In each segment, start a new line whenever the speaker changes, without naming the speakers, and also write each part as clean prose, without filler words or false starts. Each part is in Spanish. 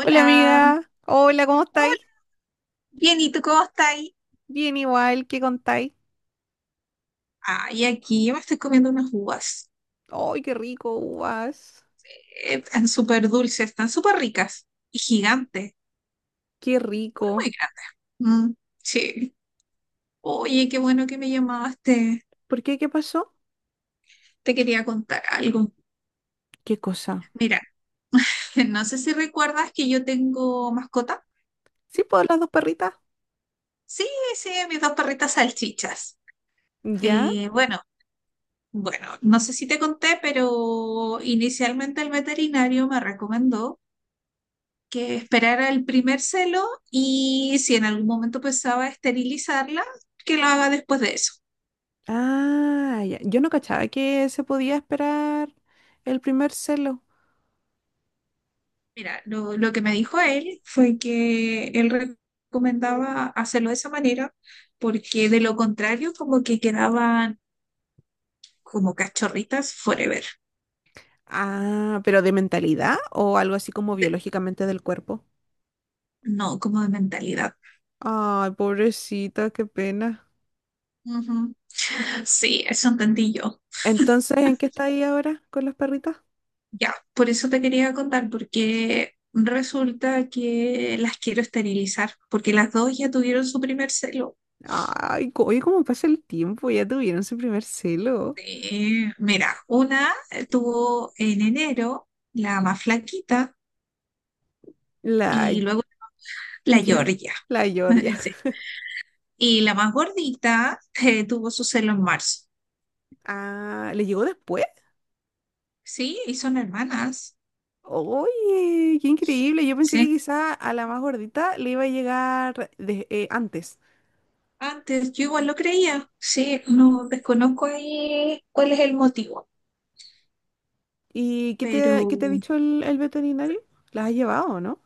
Hola amiga, hola, ¿cómo estáis?
Hola. Bien, ¿y tú cómo estás?
Bien igual, ¿qué contáis?
Ay, aquí yo me estoy comiendo unas uvas.
¡Ay, qué rico, uvas!
Están súper dulces, están súper ricas y gigantes,
¡Qué
muy,
rico!
muy grandes. Mm, sí. Oye, qué bueno que me llamaste.
¿Por qué? ¿Qué pasó?
Te quería contar algo.
¿Qué cosa?
Mira, no sé si recuerdas que yo tengo mascota.
¿Sí puedo las dos perritas?
Sí, sí, mis dos perritas salchichas.
¿Ya?
Bueno, bueno, no sé si te conté, pero inicialmente el veterinario me recomendó que esperara el primer celo, y si en algún momento pensaba esterilizarla, que lo haga después de eso.
Ah, ya. Yo no cachaba que se podía esperar el primer celo.
Mira, lo que me dijo él fue que él recomendaba hacerlo de esa manera porque de lo contrario como que quedaban como cachorritas forever.
Ah, pero de mentalidad o algo así como
De-
biológicamente del cuerpo.
no, como de mentalidad.
Ay, pobrecita, qué pena.
Ujú. Sí, eso entendí yo.
Entonces, ¿en qué estáis ahora con las perritas?
Ya, por eso te quería contar, porque resulta que las quiero esterilizar, porque las dos ya tuvieron su primer celo.
Ay, oye, cómo pasa el tiempo, ya tuvieron su primer celo.
Mira, una tuvo en enero, la más flaquita,
La
y luego la
ya,
Georgia.
la Georgia.
Sí. Y la más gordita, tuvo su celo en marzo.
Ah, ¿le llegó después?
Sí, y son hermanas.
Oye, qué increíble. Yo pensé que
Sí.
quizá a la más gordita le iba a llegar antes.
Antes yo igual lo creía. Sí, no desconozco ahí cuál es el motivo,
¿Y
pero
qué te ha dicho el veterinario? ¿Las has llevado, no?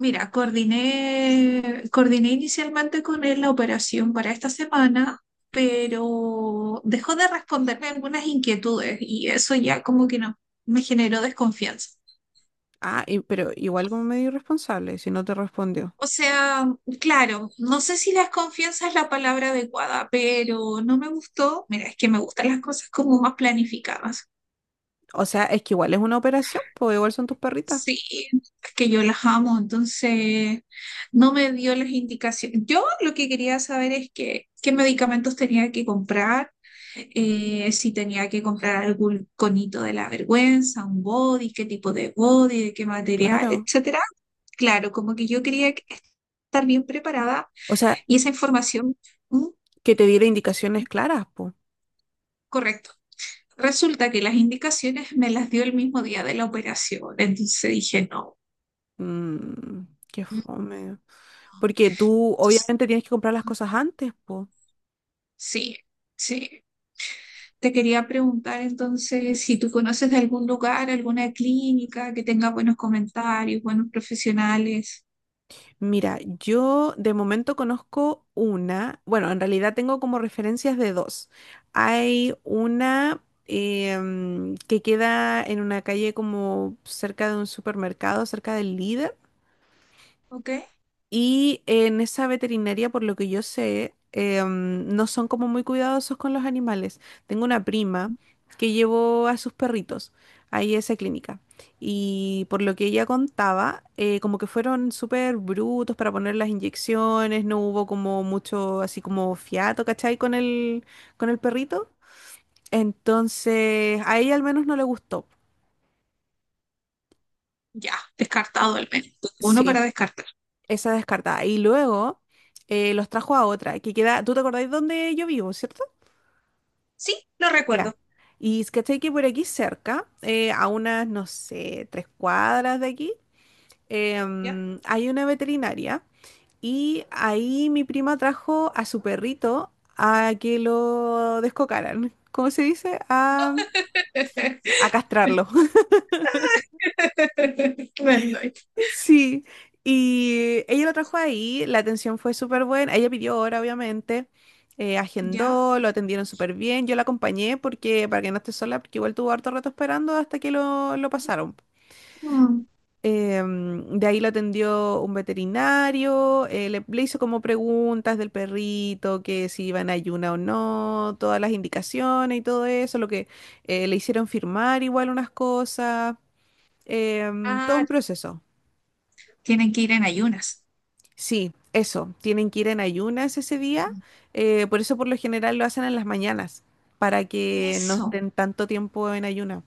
mira, coordiné inicialmente con él la operación para esta semana, pero dejó de responderme algunas inquietudes y eso ya como que no, me generó desconfianza.
Ah, pero igual como medio irresponsable si no te respondió.
O sea, claro, no sé si desconfianza es la palabra adecuada, pero no me gustó. Mira, es que me gustan las cosas como más planificadas.
O sea, es que igual es una operación, pues igual son tus perritas.
Sí, es que yo las amo, entonces no me dio las indicaciones. Yo lo que quería saber es que qué medicamentos tenía que comprar, si tenía que comprar algún conito de la vergüenza, un body, qué tipo de body, de qué material,
Claro.
etcétera. Claro, como que yo quería estar bien preparada,
O sea,
y esa información, mm,
que te diera indicaciones
sí,
claras, pues.
correcto. Resulta que las indicaciones me las dio el mismo día de la operación, entonces dije no.
Mmm, qué
mm,
fome. Porque tú
Entonces,
obviamente tienes que comprar las cosas antes, pues.
Sí, sí. Te quería preguntar entonces si tú conoces de algún lugar, alguna clínica que tenga buenos comentarios, buenos profesionales.
Mira, yo de momento conozco una, bueno, en realidad tengo como referencias de dos. Hay una que queda en una calle como cerca de un supermercado, cerca del líder.
¿Ok?
Y en esa veterinaria, por lo que yo sé, no son como muy cuidadosos con los animales. Tengo una prima que llevó a sus perritos ahí a esa clínica. Y por lo que ella contaba, como que fueron súper brutos para poner las inyecciones, no hubo como mucho así como fiato, ¿cachai? Con con el perrito. Entonces, a ella al menos no le gustó.
Ya, descartado al menos. Uno
Sí,
para descartar.
esa descartada. Y luego los trajo a otra, que queda, ¿tú te acordáis dónde yo vivo, cierto?
Sí, lo
Ya.
recuerdo.
Y es ¿cachai? Que por aquí cerca, a unas, no sé, tres cuadras de aquí,
¿Ya?
hay una veterinaria y ahí mi prima trajo a su perrito a que lo descocaran. ¿Cómo se dice? A castrarlo.
Bueno,
Sí. Y ella lo trajo ahí, la atención fue súper buena. Ella pidió hora, obviamente.
ya.
Agendó, lo atendieron súper bien. Yo la acompañé porque, para que no esté sola, porque igual tuvo harto rato esperando hasta que lo pasaron.
Mm.
De ahí lo atendió un veterinario, le hizo como preguntas del perrito, que si iba en ayuna o no, todas las indicaciones y todo eso, lo que le hicieron firmar igual unas cosas, todo
Ah,
un proceso.
tienen que ir en ayunas.
Sí, eso, tienen que ir en ayunas ese día, por eso por lo general lo hacen en las mañanas, para que no
Eso.
estén tanto tiempo en ayuna.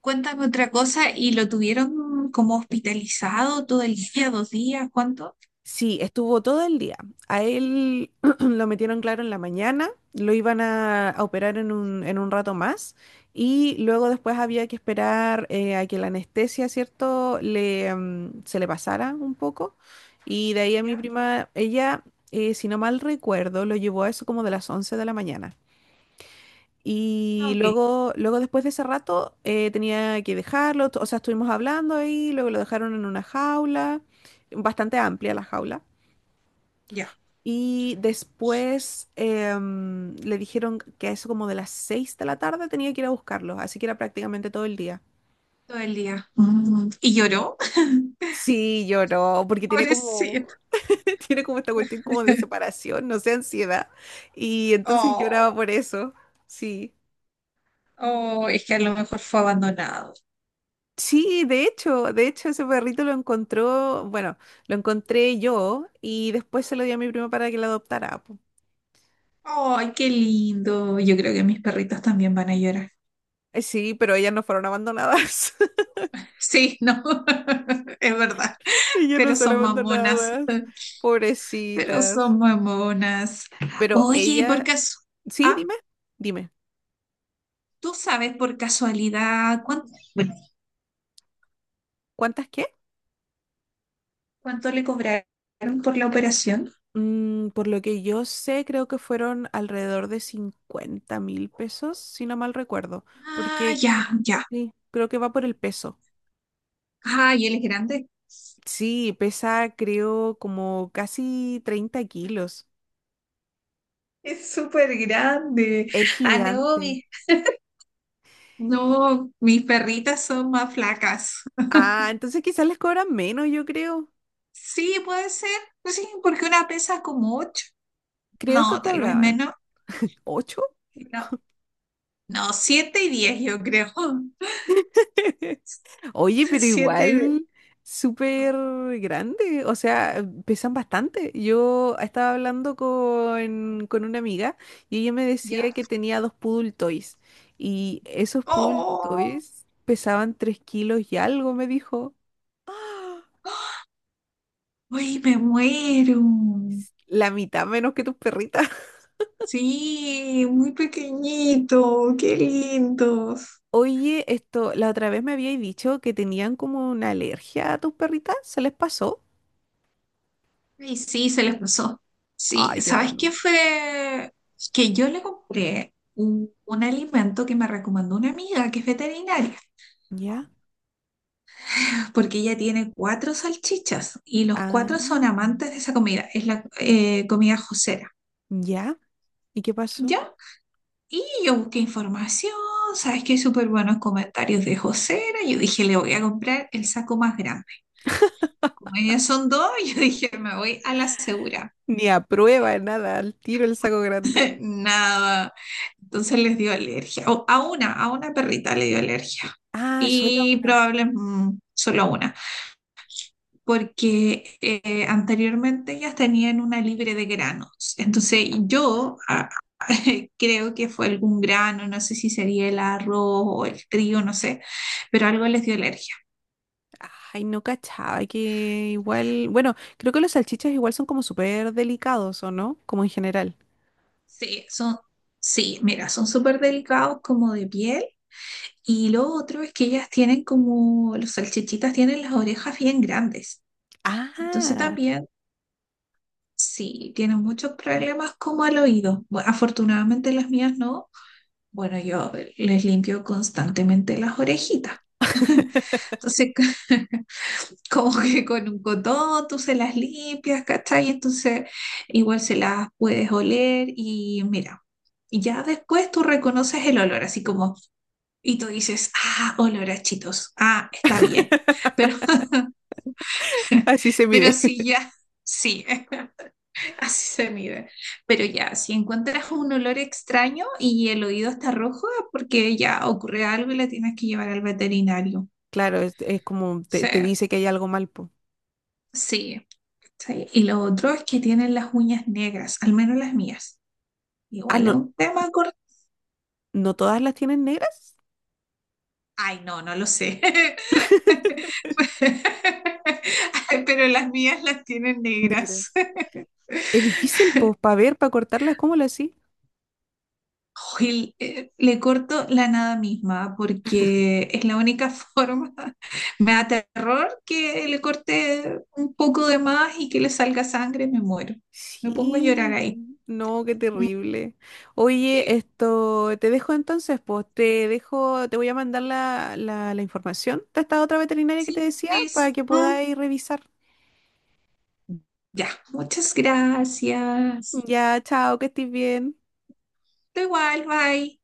Cuéntame otra cosa. ¿Y lo tuvieron como hospitalizado todo el día, dos días? ¿Cuánto?
Sí, estuvo todo el día. A él lo metieron claro en la mañana, lo iban a operar en en un rato más y luego después había que esperar a que la anestesia, ¿cierto?, se le pasara un poco. Y de ahí a mi
Ya.
prima, ella, si no mal recuerdo, lo llevó a eso como de las 11 de la mañana.
Ah,
Y
ok.
luego después de ese rato, tenía que dejarlo, o sea, estuvimos hablando ahí, luego lo dejaron en una jaula, bastante amplia la jaula.
Ya.
Y después le dijeron que a eso como de las 6 de la tarde tenía que ir a buscarlos, así que era prácticamente todo el día.
Todo el día. Mm. Y lloró.
Sí, lloró, porque tiene como,
Pobrecito.
tiene como esta cuestión como de separación, no sé, ansiedad. Y entonces
Oh.
lloraba por eso, sí.
Oh, es que a lo mejor fue abandonado.
Sí, de hecho ese perrito lo encontró, bueno, lo encontré yo y después se lo di a mi prima para que la adoptara. Po.
Ay, qué lindo. Yo creo que mis perritos también van a llorar.
Sí, pero ellas no fueron abandonadas.
Sí, no, es verdad.
Ellas
Pero
no son
son mamonas.
abandonadas.
Pero
Pobrecitas.
son mamonas.
Pero
Oye, y por
ella,
caso,
sí,
ah,
dime, dime,
¿tú sabes por casualidad cuánto,
¿cuántas qué?
cuánto le cobraron por la operación?
Mm, por lo que yo sé, creo que fueron alrededor de 50.000 pesos, si no mal recuerdo,
Ah,
porque
ya, ya.
sí, creo que va por el peso.
Ay, él es grande.
Sí, pesa creo como casi 30 kilos.
Es súper grande.
Es
Ah, no,
gigante.
mi- No, mis perritas son más flacas.
Ah, entonces quizás les cobran menos, yo creo.
Sí, puede ser. No sé, porque una pesa como ocho.
Creo que
No, tal vez
cobraban.
menos.
¿Ocho?
No, no, siete y diez, yo creo.
Oye, pero
Siete y diez.
igual súper grande, o sea, pesan bastante. Yo estaba hablando con una amiga y ella me
¿Ya?
decía que tenía dos poodle toys y esos poodle
¡Oh!
toys pesaban 3 kilos y algo, me dijo. ¡Ah!
¡Uy, me muero!
La mitad menos que tus perritas.
Sí, muy pequeñito. ¡Qué lindos!
Oye, esto, la otra vez me habíais dicho que tenían como una alergia a tus perritas, ¿se les pasó?
Y sí, se les pasó. Sí,
Ay, qué
¿sabes
bueno.
qué fue? Que yo le compré un alimento que me recomendó una amiga que es veterinaria,
¿Ya?
porque ella tiene cuatro salchichas y los
Ah,
cuatro son amantes de esa comida. Es la comida josera,
¿ya? ¿Y qué pasó?
¿ya? Y yo busqué información, sabes que hay súper buenos comentarios de josera, yo dije, le voy a comprar el saco más grande. Como ellas son dos, yo dije, me voy a la segura.
Ni a prueba, nada, al tiro el saco grande.
Nada, entonces les dio alergia, o a una, perrita le dio alergia,
Ah, solo
y
una.
probablemente solo a una, porque anteriormente ellas tenían una libre de granos. Entonces yo, creo que fue algún grano, no sé si sería el arroz o el trigo, no sé, pero algo les dio alergia.
Ay, no cachaba que igual. Bueno, creo que los salchichas igual son como súper delicados, ¿o no? Como en general.
Sí, son, sí, mira, son súper delicados como de piel, y lo otro es que ellas tienen como, los salchichitas tienen las orejas bien grandes. Entonces
Ah,
también, sí, tienen muchos problemas como al oído. Bueno, afortunadamente las mías no. Bueno, yo les limpio constantemente las orejitas. Entonces, como que con un cotón tú se las limpias, ¿cachai? Entonces, igual se las puedes oler y mira, y ya después tú reconoces el olor, así como, y tú dices, ah, olor a chitos, ah, está bien. Pero,
así se
pero
mide.
sí, ya, sí. Así se mide. Pero ya, si encuentras un olor extraño y el oído está rojo, es porque ya ocurre algo y la tienes que llevar al veterinario.
Claro, es como te,
Sí,
te dice que hay algo mal, po.
sí, sí. Y lo otro es que tienen las uñas negras, al menos las mías.
Ah,
Igual es
no,
un tema corto.
¿no todas las tienen negras?
Ay, no, no lo sé. Pero las mías las tienen negras.
Negras. Es difícil, pues, para ver, para cortarlas, ¿cómo lo hacís?
Oye, le corto la nada misma porque es la única forma. Me da terror que le corte un poco de más y que le salga sangre, me muero. Me pongo a llorar
Sí,
ahí.
no, qué
Mm.
terrible. Oye,
eh,
esto, te dejo entonces, pues te dejo, te voy a mandar la información de esta otra veterinaria que te
Sí,
decía para
please.
que
Mm.
podáis revisar.
Ya, muchas gracias.
Ya, chao, que estés bien.
Da igual, bye.